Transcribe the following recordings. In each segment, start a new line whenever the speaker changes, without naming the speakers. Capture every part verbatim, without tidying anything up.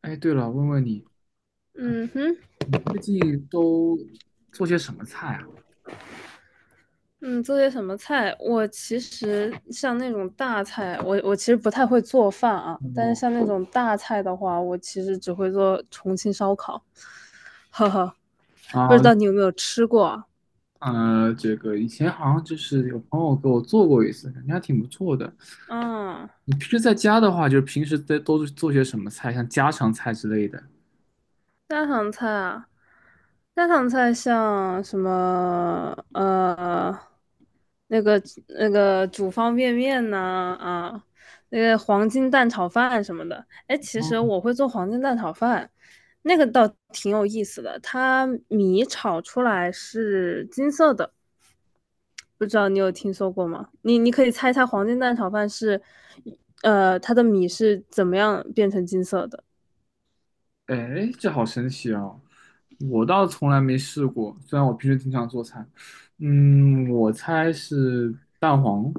哎，对了，问问你，啊
嗯哼，
你最近都做些什么菜啊？
嗯，做些什么菜？我其实像那种大菜，我我其实不太会做饭啊。但是
哦。
像那种大菜的话，我其实只会做重庆烧烤，呵呵，不知
啊。
道你有没有吃过啊？
呃，这个以前好像就是有朋友给我做过一次，感觉还挺不错的。
嗯。
你平时在家的话，就是平时在都是做些什么菜，像家常菜之类的？
家常菜啊，家常菜像什么呃，那个那个煮方便面呐啊，那个黄金蛋炒饭什么的。哎，其实
哦。
我会做黄金蛋炒饭，那个倒挺有意思的。它米炒出来是金色的，不知道你有听说过吗？你你可以猜猜黄金蛋炒饭是，呃，它的米是怎么样变成金色的？
哎，这好神奇哦！我倒从来没试过，虽然我平时经常做菜。嗯，我猜是蛋黄。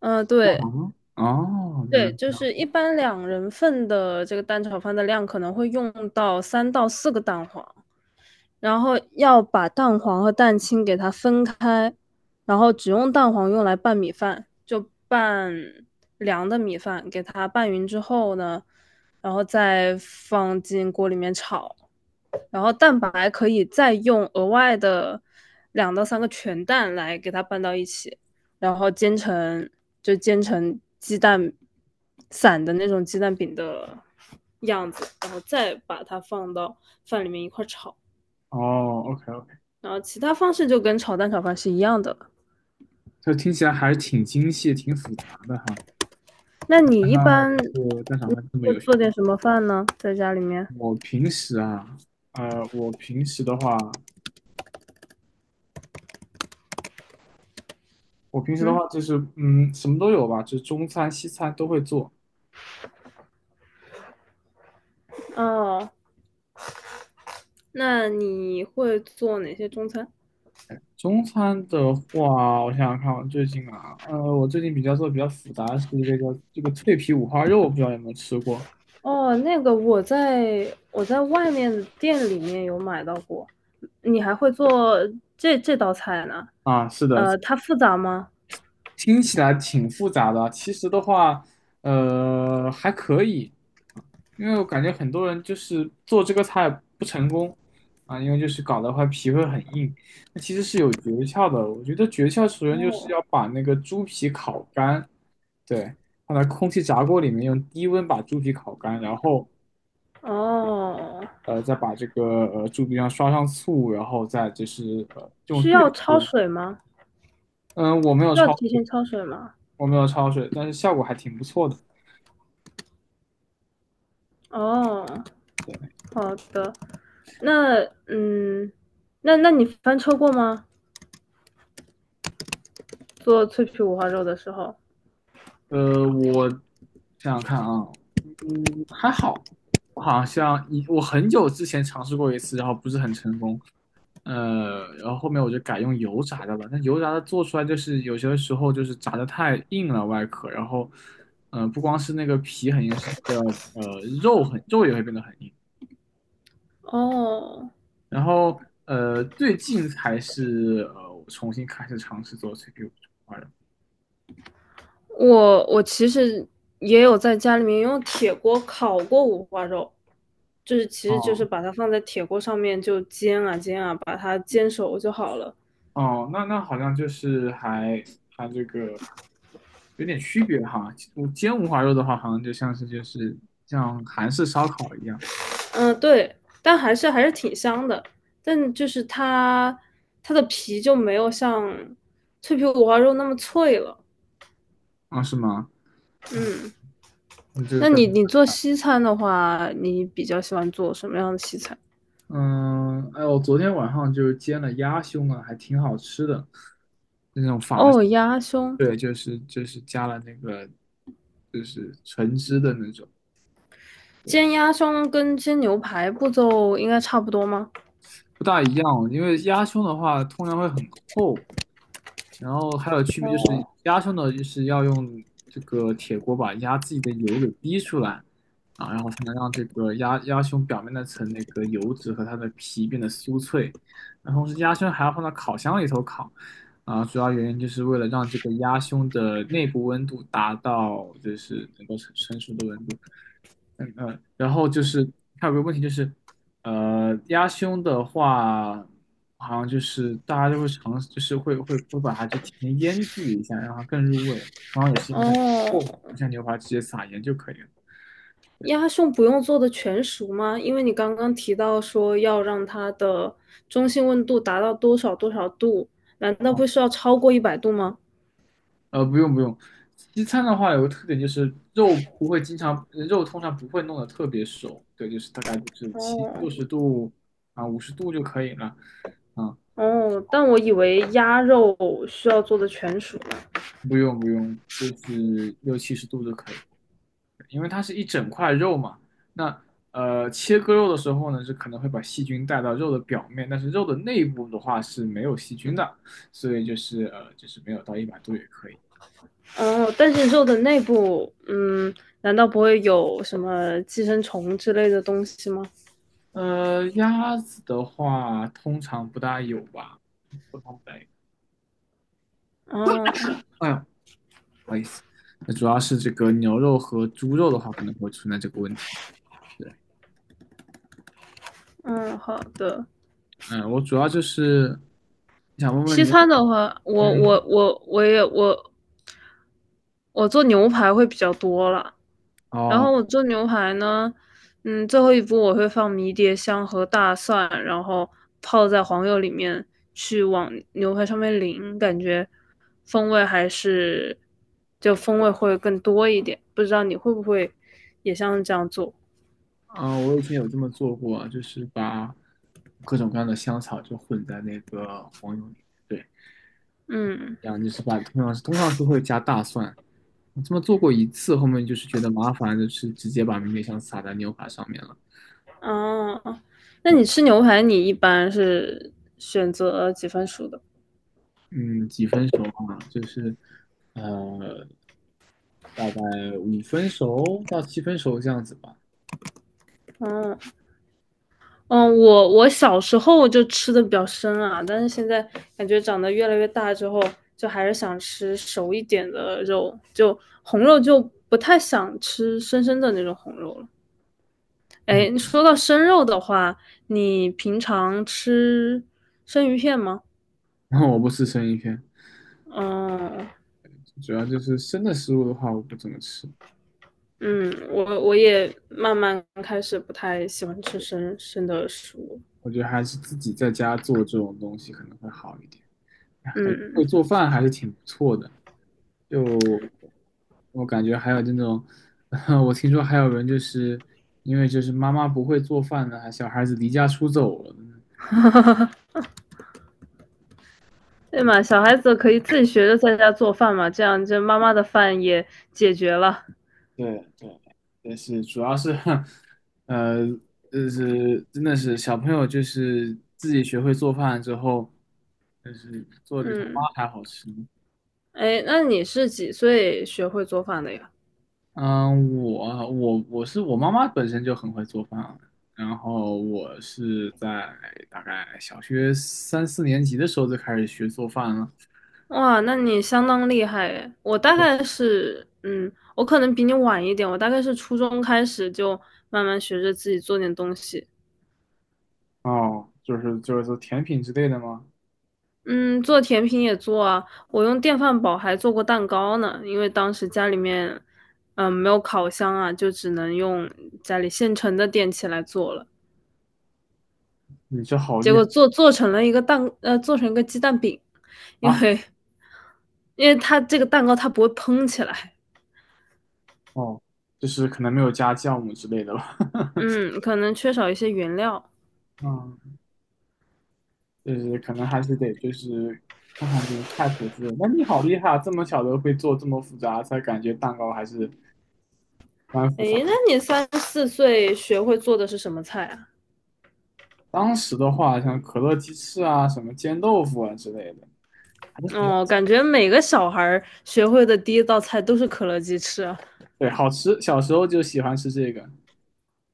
嗯、
蛋
对。
黄吗？哦，原来
对，
是这
就
样。
是一般两人份的这个蛋炒饭的量可能会用到三到四个蛋黄，然后要把蛋黄和蛋清给它分开，然后只用蛋黄用来拌米饭，就拌凉的米饭，给它拌匀之后呢，然后再放进锅里面炒。然后蛋白可以再用额外的两到三个全蛋来给它拌到一起，然后煎成就煎成鸡蛋散的那种鸡蛋饼的样子，然后再把它放到饭里面一块炒。
哦， o k
然后其他方式就跟炒蛋炒饭是一样的了。
这听起来还是挺精细、挺复杂的哈。
那你
看
一
到
般
这蛋炒饭这么
会
有学
做
问。
点什么饭呢？在家里面？
我平时啊，呃，我平时的话，我平时的
嗯，
话就是，嗯，什么都有吧，就是中餐、西餐都会做。
哦，那你会做哪些中餐？
中餐的话，我想想看，我最近啊，呃，我最近比较做的比较复杂的是一个叫这个脆皮五花肉，不知道有没有吃过。
哦，那个我在我在外面的店里面有买到过。你还会做这这道菜呢？
啊？是的。
呃，它复杂吗？
听起来挺复杂的，其实的话，呃，还可以。因为我感觉很多人就是做这个菜不成功啊，因为就是搞的话皮会很硬，那其实是有诀窍的。我觉得诀窍首先就是
哦
要把那个猪皮烤干。对，放在空气炸锅里面用低温把猪皮烤干，然后
哦，
呃再把这个呃猪皮上刷上醋，然后再就是呃用
需
这
要
个
焯
锅。
水吗？
嗯，我没
需
有
要
焯
提前
水。
焯水吗？
我没有焯水，但是效果还挺不错的。
哦，好的。那嗯，那那你翻车过吗？做脆皮五花肉的时候？
呃，我想想看啊，嗯，还好。我好像一我很久之前尝试过一次，然后不是很成功，呃，然后后面我就改用油炸的了。那油炸的做出来就是有些时候就是炸的太硬了外壳，然后，嗯、不光是那个皮很硬，是那个呃肉很肉也会变得很硬。
哦
然后呃，最近才是呃我重新开始尝试做 C P U 这块的。
我我其实也有在家里面用铁锅烤过五花肉，就是其实就是
哦。
把它放在铁锅上面就煎啊煎啊，把它煎熟就好了。
哦，那那好像就是还还这个有点区别哈。我煎五花肉的话，好像就像是就是像韩式烧烤一样
嗯，对，但还是还是挺香的，但就是它它的皮就没有像脆皮五花肉那么脆了。
啊。是吗？哦，
嗯，
你这
那
个，
你你做西餐的话，你比较喜欢做什么样的西餐？
嗯，哎，我昨天晚上就是煎了鸭胸啊，还挺好吃的，那种法。
哦，鸭胸，
对，就是就是加了那个就是橙汁的那种。
煎鸭胸跟煎牛排步骤应该差不多吗？
不大一样哦，因为鸭胸的话通常会很厚。然后还有区别就是
哦。
鸭胸呢，就是要用这个铁锅把鸭自己的油给逼出来啊，然后才能让这个鸭鸭胸表面那层那个油脂和它的皮变得酥脆。那同时鸭胸还要放到烤箱里头烤啊，主要原因就是为了让这个鸭胸的内部温度达到就是能够成成熟的温度。嗯嗯，然后就是还有个问题就是，呃，鸭胸的话，好像就是大家就会尝试，就是会会会把它就提前腌制一下，让它更入味。然后也是因为它厚，
哦，
不像牛排直接撒盐就可以了。
鸭胸不用做的全熟吗？因为你刚刚提到说要让它的中性温度达到多少多少度，难道
啊，
不需要超过一百度吗？
呃，不用不用。西餐的话有个特点就是肉不会经常，肉通常不会弄得特别熟。对，就是大概就是七
哦
六十度啊，五十度就可以了。啊，
哦，但我以为鸭肉需要做的全熟呢。
不用不用，就是六七十度就可以。了。因为它是一整块肉嘛。那呃，切割肉的时候呢，是可能会把细菌带到肉的表面，但是肉的内部的话是没有细菌的，所以就是呃，就是没有到一百度也可以。
哦，但是肉的内部，嗯，难道不会有什么寄生虫之类的东西吗？
呃，鸭子的话通常不大有吧，通常不大有。
哦，
哎呦，那主要是这个牛肉和猪肉的话，可能会存在这个问题。对。
嗯，好的。
嗯，我主要就是想问问
西
你。
餐的话，我
嗯。
我我我也我我做牛排会比较多了。然
哦。
后我做牛排呢，嗯，最后一步我会放迷迭香和大蒜，然后泡在黄油里面去往牛排上面淋，感觉风味还是就风味会更多一点。不知道你会不会也像这样做？
啊，我以前有这么做过，就是把各种各样的香草就混在那个黄油里，面。对，
嗯，
然后就是把通常是通常是会加大蒜。我这么做过一次，后面就是觉得麻烦，就是直接把迷迭香撒在牛排上面了。
哦，那你
哦。
吃牛排你一般是选择几分熟的？
嗯，几分熟啊？就是呃，大概五分熟到七分熟这样子吧。
哦。嗯，我我小时候就吃的比较生啊，但是现在感觉长得越来越大之后，就还是想吃熟一点的肉，就红肉就不太想吃生生的那种红肉了。
嗯，
哎，说到生肉的话，你平常吃生鱼片吗？
然后我不吃生鱼片，
嗯
主要就是生的食物的话，我不怎么吃。
嗯，我我也慢慢开始不太喜欢吃生生的食物。
我觉得还是自己在家做这种东西可能会好一点。哎，感觉会
嗯。
做饭还是挺不错的。就我感觉还有那种，我听说还有人就是因为就是妈妈不会做饭呢，还小孩子离家出走了。
对嘛，小孩子可以自己学着在家做饭嘛，这样就妈妈的饭也解决了。
对对，但是主要是，呃，就是真的是小朋友就是自己学会做饭之后，就是做的比他妈
嗯，
还好吃。
哎，那你是几岁学会做饭的呀？
嗯，我我我是我妈妈本身就很会做饭，然后我是在大概小学三四年级的时候就开始学做饭了。
哇，那你相当厉害诶！我大概是，嗯，我可能比你晚一点，我大概是初中开始就慢慢学着自己做点东西。
哦，就是就是说甜品之类的吗？
嗯，做甜品也做啊，我用电饭煲还做过蛋糕呢，因为当时家里面，嗯，没有烤箱啊，就只能用家里现成的电器来做了。
你这好
结
厉
果
害
做做成了一个蛋，呃，做成一个鸡蛋饼，因
啊！
为因为它这个蛋糕它不会蓬起来，
哦，就是可能没有加酵母之类的吧。
嗯，可能缺少一些原料。
嗯，就是可能还是得就是看看这个菜谱之类的。那你好厉害啊，这么小的会做这么复杂，才感觉蛋糕还是蛮复
哎，
杂。
那你三四岁学会做的是什么菜啊？
当时的话，像可乐鸡翅啊、什么煎豆腐啊之类的，还是比较。
哦，感觉每个小孩学会的第一道菜都是可乐鸡翅啊。
对，好吃。小时候就喜欢吃这个。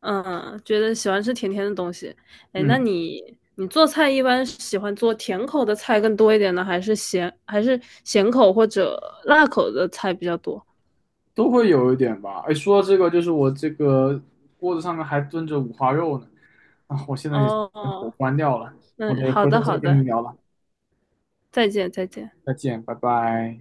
嗯，觉得喜欢吃甜甜的东西。哎，那
嗯，
你你做菜一般喜欢做甜口的菜更多一点呢，还是咸还是咸口或者辣口的菜比较多？
都会有一点吧。哎，说到这个，就是我这个锅子上面还炖着五花肉呢，啊，我现在也给火
哦，
关掉了，我
嗯，
得
好
回头
的，
再
好
跟你
的，
聊了。
再见，再见。
再见，拜拜。